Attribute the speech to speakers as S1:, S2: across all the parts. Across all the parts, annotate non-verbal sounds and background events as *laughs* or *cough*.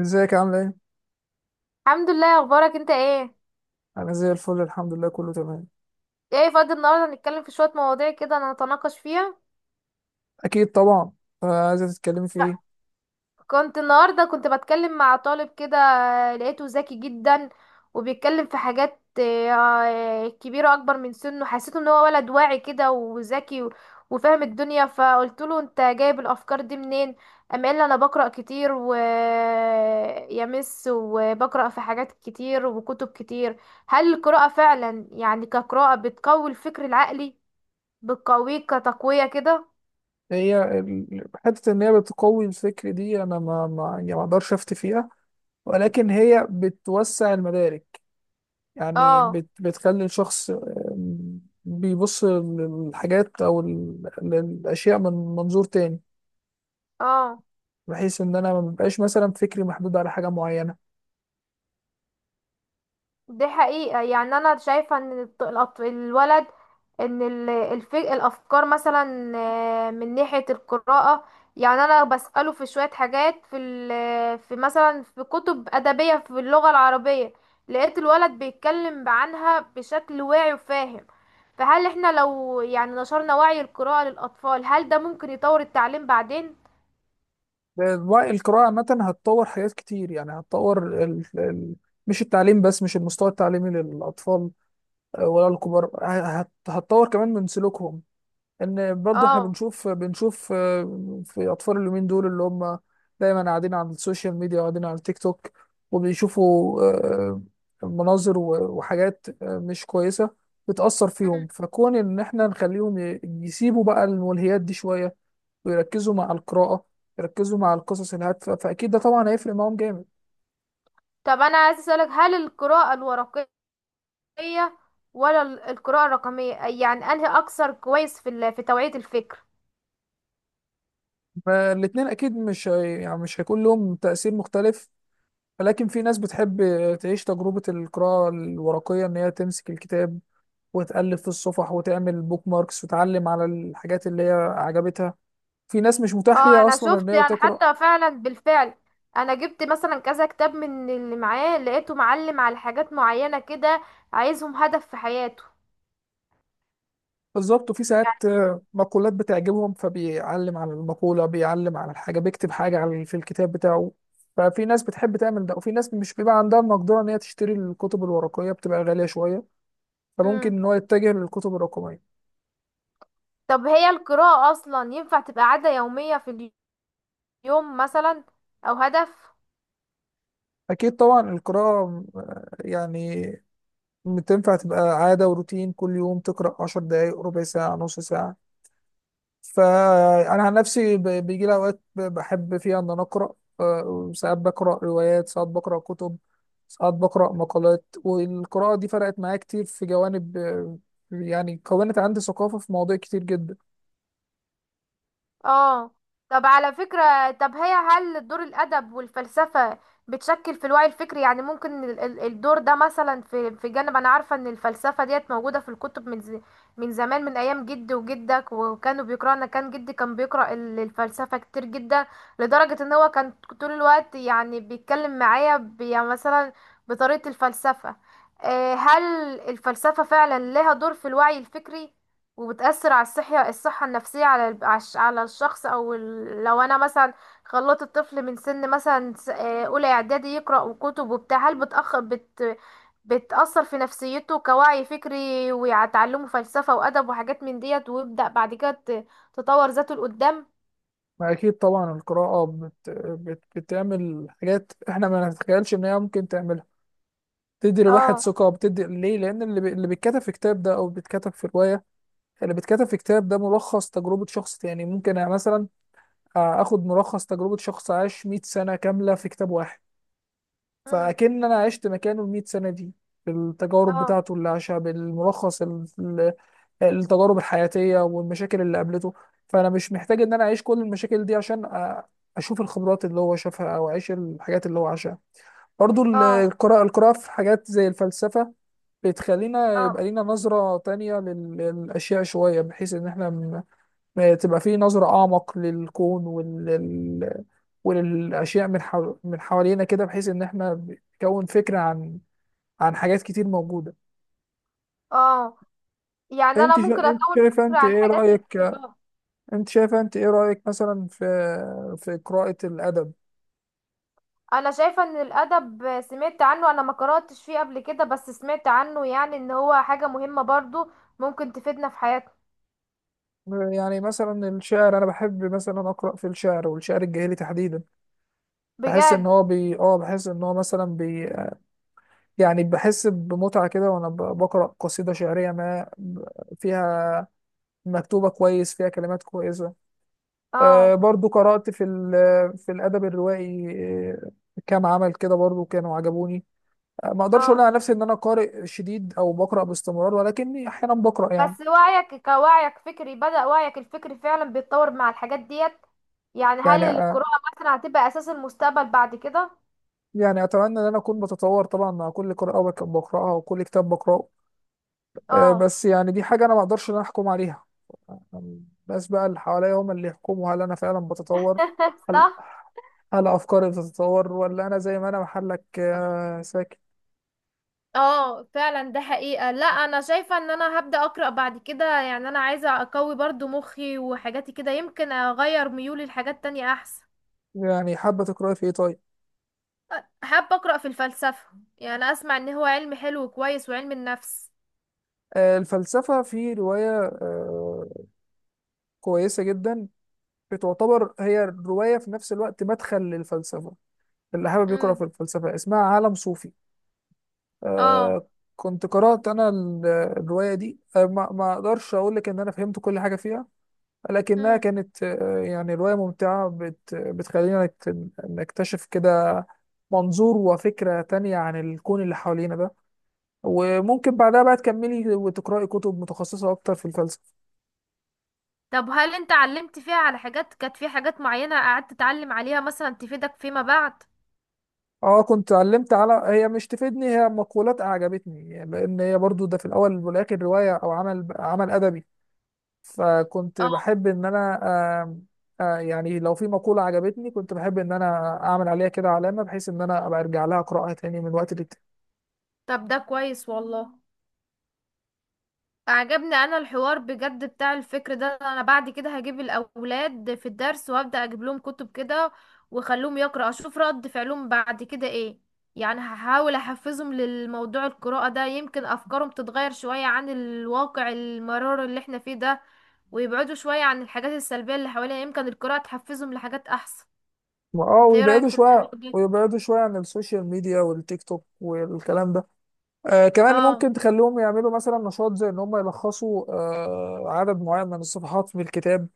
S1: ازيك عاملة ايه؟
S2: الحمد لله. اخبارك انت ايه؟
S1: أنا زي الفل، الحمد لله، كله تمام.
S2: ايه، فاضي النهارده نتكلم في شويه مواضيع كده نتناقش فيها؟
S1: أكيد طبعا. عايزة تتكلمي في ايه؟
S2: النهارده كنت بتكلم مع طالب كده. لقيته ذكي جدا، وبيتكلم في حاجات كبيره اكبر من سنه. حسيت ان هو ولد واعي كده وذكي وفاهم الدنيا، فقلت له انت جايب الافكار دي منين؟ قام قال لي انا بقرا كتير ويا مس، وبقرا في حاجات كتير وكتب كتير. هل القراءه فعلا يعني كقراءه بتقوي الفكر العقلي؟ بتقويك كتقوية كده؟
S1: هي حتة إن هي بتقوي الفكر دي أنا ما أقدرش أفتي فيها، ولكن هي بتوسع المدارك. يعني
S2: اه.
S1: بتخلي الشخص بيبص للحاجات أو للأشياء من منظور تاني،
S2: اه.
S1: بحيث إن أنا ما ببقاش مثلا فكري محدود على حاجة معينة.
S2: دي حقيقة، يعني انا شايفة ان الولد، ان الافكار مثلا، من ناحية القراءة. يعني انا بسأله في شوية حاجات، في مثلا في كتب ادبية في اللغة العربية. لقيت الولد بيتكلم عنها بشكل واعي وفاهم. فهل احنا لو يعني نشرنا وعي القراءة للأطفال هل ده ممكن يطور التعليم بعدين؟
S1: القراءة عامة هتطور حاجات كتير. يعني هتطور مش التعليم بس، مش المستوى التعليمي للأطفال ولا الكبار، هتطور كمان من سلوكهم. إن برضو إحنا
S2: اه.
S1: بنشوف في أطفال اليومين دول اللي هم دايما قاعدين على السوشيال ميديا وقاعدين على التيك توك، وبيشوفوا مناظر وحاجات مش كويسة بتأثر فيهم. فكون إن إحنا نخليهم يسيبوا بقى الملهيات دي شوية ويركزوا مع القراءة، يركزوا مع القصص الهادفة، فأكيد ده طبعا هيفرق معاهم جامد.
S2: طب انا عايز اسالك، هل القراءه الورقيه ولا القراءه الرقميه، يعني انهي اكثر كويس في توعيه الفكر؟
S1: فالاتنين أكيد مش هي... يعني مش هيكون لهم تأثير مختلف، ولكن في ناس بتحب تعيش تجربة القراءة الورقية، إن هي تمسك الكتاب وتألف في الصفح وتعمل بوك ماركس وتعلم على الحاجات اللي هي عجبتها. في ناس مش متاح
S2: اه،
S1: ليها
S2: انا
S1: أصلا إن
S2: شفت
S1: هي
S2: يعني
S1: تقرأ.
S2: حتى فعلا بالفعل. انا جبت مثلا كذا كتاب من اللي معاه لقيته معلم على حاجات معينه كده، عايزهم هدف في حياته.
S1: بالظبط، وفي ساعات
S2: يعني.
S1: مقولات بتعجبهم، فبيعلم على المقولة، بيعلم على الحاجة، بيكتب حاجة على في الكتاب بتاعه. ففي ناس بتحب تعمل ده، وفي ناس مش بيبقى عندها المقدرة إن هي تشتري الكتب الورقية، بتبقى غالية شوية، فممكن
S2: امم.
S1: إن هو يتجه للكتب الرقمية.
S2: طب هي القراءه اصلا ينفع تبقى عاده يوميه في اليوم مثلا، او هدف؟
S1: أكيد طبعا القراءة يعني تنفع تبقى عادة وروتين، كل يوم تقرأ عشر دقايق، ربع ساعة، نص ساعة. فأنا عن نفسي بيجي لي أوقات بحب فيها إن أنا أقرأ. ساعات بقرأ روايات، ساعات بقرأ كتب، ساعات بقرأ مقالات، والقراءة دي فرقت معايا كتير في جوانب. يعني كونت عندي ثقافة في مواضيع كتير جدا.
S2: اه. طب على فكرة، طب هي هل دور الأدب والفلسفة بتشكل في الوعي الفكري، يعني ممكن الدور ده مثلا في جانب. أنا عارفة إن الفلسفة ديت موجودة في الكتب من زمان، من أيام جدي وجدك وكانوا بيقرأوا. أنا كان جدي كان بيقرأ الفلسفة كتير جدا، لدرجة إن هو كان طول الوقت يعني بيتكلم معايا يعني مثلا بطريقة الفلسفة. هل الفلسفة فعلا لها دور في الوعي الفكري وبتأثر على الصحة النفسية، على الشخص، لو انا مثلا خلطت الطفل من سن مثلا اولى اعدادي يقرأ كتب وبتاع، هل بتأخ بت بتأثر في نفسيته كوعي فكري وتعلمه فلسفة وأدب وحاجات من ديت، ويبدأ بعد كده تطور ذاته لقدام.
S1: أكيد طبعا القراءة بتعمل حاجات إحنا ما نتخيلش إن هي ممكن تعملها. بتدي الواحد
S2: اه.
S1: ثقة، بتدي ليه؟ لأن اللي بيتكتب في كتاب ده أو بيتكتب في رواية، اللي بيتكتب في كتاب ده ملخص تجربة شخص. يعني ممكن يعني مثلا هاخد ملخص تجربة شخص عاش 100 سنة كاملة في كتاب واحد،
S2: امم.
S1: فأكن أنا عشت مكانه ال 100 سنة دي بالتجارب
S2: اه.
S1: بتاعته اللي عاشها، بالملخص التجارب الحياتية والمشاكل اللي قابلته. فأنا مش محتاج إن أنا أعيش كل المشاكل دي عشان أشوف الخبرات اللي هو شافها أو أعيش الحاجات اللي هو عاشها. برضو
S2: اه.
S1: القراءة في حاجات زي الفلسفة بتخلينا
S2: اه.
S1: يبقى لينا نظرة تانية للأشياء شوية، بحيث إن إحنا تبقى فيه نظرة أعمق للكون وللأشياء من حوالينا كده، بحيث إن إحنا بنكون فكرة عن عن حاجات كتير موجودة.
S2: اه. يعني انا ممكن
S1: أنت
S2: اكون
S1: شايفة،
S2: فكرة
S1: أنت
S2: عن
S1: إيه
S2: حاجات
S1: رأيك؟
S2: كتير. اه.
S1: أنت شايفة أنت إيه رأيك مثلا في في قراءة الأدب؟
S2: انا شايفة ان الادب سمعت عنه، انا ما قرأتش فيه قبل كده بس سمعت عنه، يعني ان هو حاجة مهمة برضو ممكن تفيدنا في حياتنا.
S1: يعني مثلا الشعر، أنا بحب مثلا أقرأ في الشعر، والشعر الجاهلي تحديدا.
S2: بجد؟
S1: بحس إن هو مثلا بي يعني بحس بمتعة كده، وأنا بقرأ قصيدة شعرية ما، فيها مكتوبة كويس، فيها كلمات كويسة.
S2: اه.
S1: برضو قرأت في في الأدب الروائي. آه، كام عمل كده برضو كانوا عجبوني. ما أقدرش أقول
S2: اه.
S1: على نفسي إن أنا قارئ شديد أو بقرأ باستمرار، ولكني أحيانا بقرأ يعني.
S2: بس وعيك كوعيك فكري بدأ وعيك الفكري فعلا بيتطور مع الحاجات ديت. يعني
S1: يعني
S2: هل القراءة مثلا هتبقى اساس المستقبل بعد كده؟
S1: يعني أتمنى إن أنا أكون بتطور طبعا مع كل قراءة بقرأها وكل كتاب بقرأه.
S2: اه.
S1: بس يعني دي حاجة أنا ما أقدرش إن أنا أحكم عليها، الناس بقى اللي حواليا هم اللي يحكموا هل أنا فعلا بتطور،
S2: *laughs*
S1: هل
S2: صح.
S1: هل أفكاري بتتطور ولا أنا زي ما أنا محلك ساكت.
S2: اه، فعلا ده حقيقة. لا، انا شايفة ان انا هبدأ اقرأ بعد كده، يعني انا عايزة اقوي برضو مخي وحاجاتي كده، يمكن اغير ميولي لحاجات تانية احسن.
S1: يعني حابة تقرأي في إيه طيب؟
S2: حابة أقرأ في الفلسفة، يعني أسمع إن هو علم حلو وكويس، وعلم النفس.
S1: الفلسفة في رواية آه، كويسة جدا، بتعتبر هي الرواية في نفس الوقت مدخل للفلسفة اللي حابب يقرأ في
S2: امم.
S1: الفلسفة، اسمها عالم صوفي.
S2: اه.
S1: آه، كنت قرأت أنا الرواية دي. ما أقدرش أقول لك إن أنا فهمت كل حاجة فيها، لكنها
S2: امم.
S1: كانت يعني رواية ممتعة بتخلينا نكتشف كده منظور وفكرة تانية عن الكون اللي حوالينا ده، وممكن بعدها بقى تكملي وتقرأي كتب متخصصة أكتر في الفلسفة.
S2: طب هل أنت علمت فيها على حاجات، كانت في حاجات معينة قعدت تتعلم عليها مثلا تفيدك فيما بعد؟
S1: اه كنت علمت على، هي مش تفيدني، هي مقولات اعجبتني، لان هي برضو ده في الاول والاخر روايه او عمل ادبي، فكنت
S2: اه،
S1: بحب ان انا آم، آه، يعني لو في مقوله عجبتني كنت بحب ان انا اعمل عليها كده علامه، بحيث ان انا ابقى ارجع لها اقراها تاني من وقت للتاني.
S2: طب ده كويس والله. عجبني انا الحوار بجد بتاع الفكر ده، انا بعد كده هجيب الاولاد في الدرس وابدا اجيب لهم كتب كده، واخليهم يقرا اشوف رد فعلهم بعد كده ايه. يعني هحاول احفزهم للموضوع القراءة ده، يمكن افكارهم تتغير شوية عن الواقع المرار اللي احنا فيه ده، ويبعدوا شوية عن الحاجات السلبية اللي حوالينا، يمكن القراءة تحفزهم لحاجات احسن.
S1: اه
S2: انت ايه رأيك
S1: ويبعدوا
S2: في الموضوع
S1: شويه،
S2: ده؟
S1: عن السوشيال ميديا والتيك توك والكلام ده. آه كمان
S2: اه.
S1: ممكن تخليهم يعملوا مثلا نشاط زي ان هم يلخصوا آه عدد معين من الصفحات في الكتاب،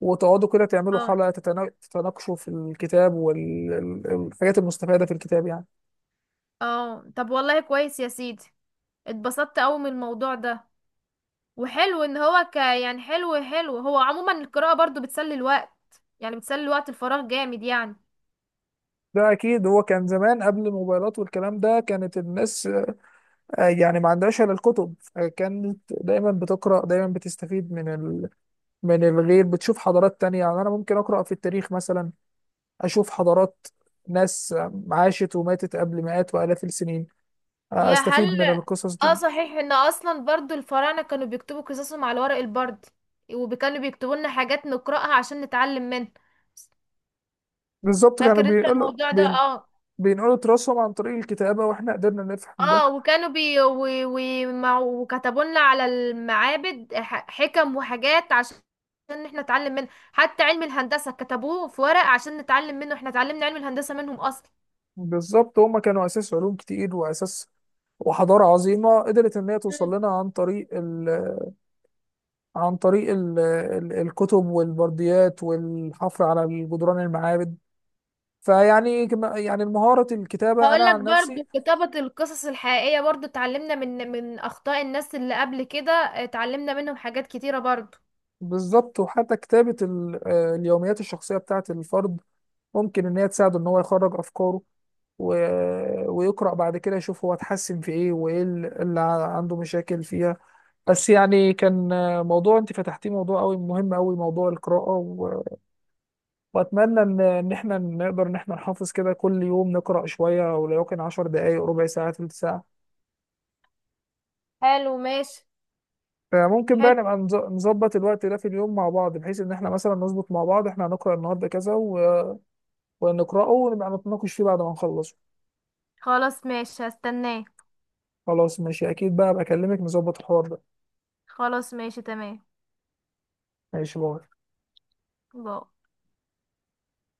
S1: وتقعدوا كده تعملوا
S2: اه.
S1: حلقة تتناقشوا في الكتاب والحاجات المستفادة في الكتاب يعني.
S2: اه، طب والله كويس يا سيدي. اتبسطت قوي من الموضوع ده، وحلو ان هو يعني حلو حلو، هو عموما القراءة برضو بتسلي الوقت، يعني بتسلي وقت الفراغ جامد يعني.
S1: ده أكيد، هو كان زمان قبل الموبايلات والكلام ده كانت الناس يعني ما عندهاش إلا الكتب، كانت دايما بتقرأ، دايما بتستفيد من من الغير، بتشوف حضارات تانية. يعني أنا ممكن أقرأ في التاريخ مثلا، أشوف حضارات، ناس عاشت وماتت قبل مئات وآلاف السنين.
S2: يا هل.
S1: أستفيد من القصص
S2: اه،
S1: دي.
S2: صحيح ان اصلا برضو الفراعنة كانوا بيكتبوا قصصهم على ورق البرد، وكانوا بيكتبوا لنا حاجات نقرأها عشان نتعلم منها.
S1: بالظبط، كانوا
S2: فاكر انت الموضوع ده؟ اه.
S1: بينقلوا تراثهم عن طريق الكتابة، وإحنا قدرنا نفهم ده.
S2: اه، وكانوا وكتبوا لنا على المعابد حكم وحاجات عشان ان احنا نتعلم منها. حتى علم الهندسة كتبوه في ورق عشان نتعلم منه، احنا اتعلمنا علم الهندسة منهم اصلا.
S1: بالظبط، هما كانوا اساس علوم كتير واساس، وحضاره عظيمه قدرت ان هي توصل لنا عن طريق ال الكتب والبرديات والحفر على جدران المعابد. يعني مهاره الكتابه انا
S2: هقول لك
S1: عن نفسي،
S2: برضو كتابة القصص الحقيقية برضو اتعلمنا من أخطاء الناس اللي قبل كده، اتعلمنا منهم حاجات كتيرة برضو.
S1: بالظبط، وحتى كتابه اليوميات الشخصيه بتاعه الفرد ممكن ان هي تساعده ان هو يخرج افكاره، ويقرا بعد كده يشوف هو اتحسن في ايه، وايه اللي عنده مشاكل فيها. بس يعني كان موضوع انت فتحتيه موضوع قوي، مهم قوي موضوع القراءة، واتمنى ان احنا نقدر ان احنا نحافظ كده كل يوم نقرأ شوية، ولو يمكن 10 دقائق، ربع ساعة، تلت ساعة،
S2: حلو، ماشي.
S1: فممكن بقى
S2: حلو.
S1: نبقى نظبط الوقت ده في اليوم مع بعض، بحيث ان احنا مثلا نظبط مع بعض احنا هنقرأ النهارده كذا ونقرأه ونبقى نتناقش فيه بعد ما نخلصه.
S2: خلاص، ماشي، هستناه.
S1: خلاص ماشي، اكيد بقى بكلمك نظبط الحوار ده.
S2: خلاص، ماشي، تمام.
S1: ماشي، باي.
S2: باي.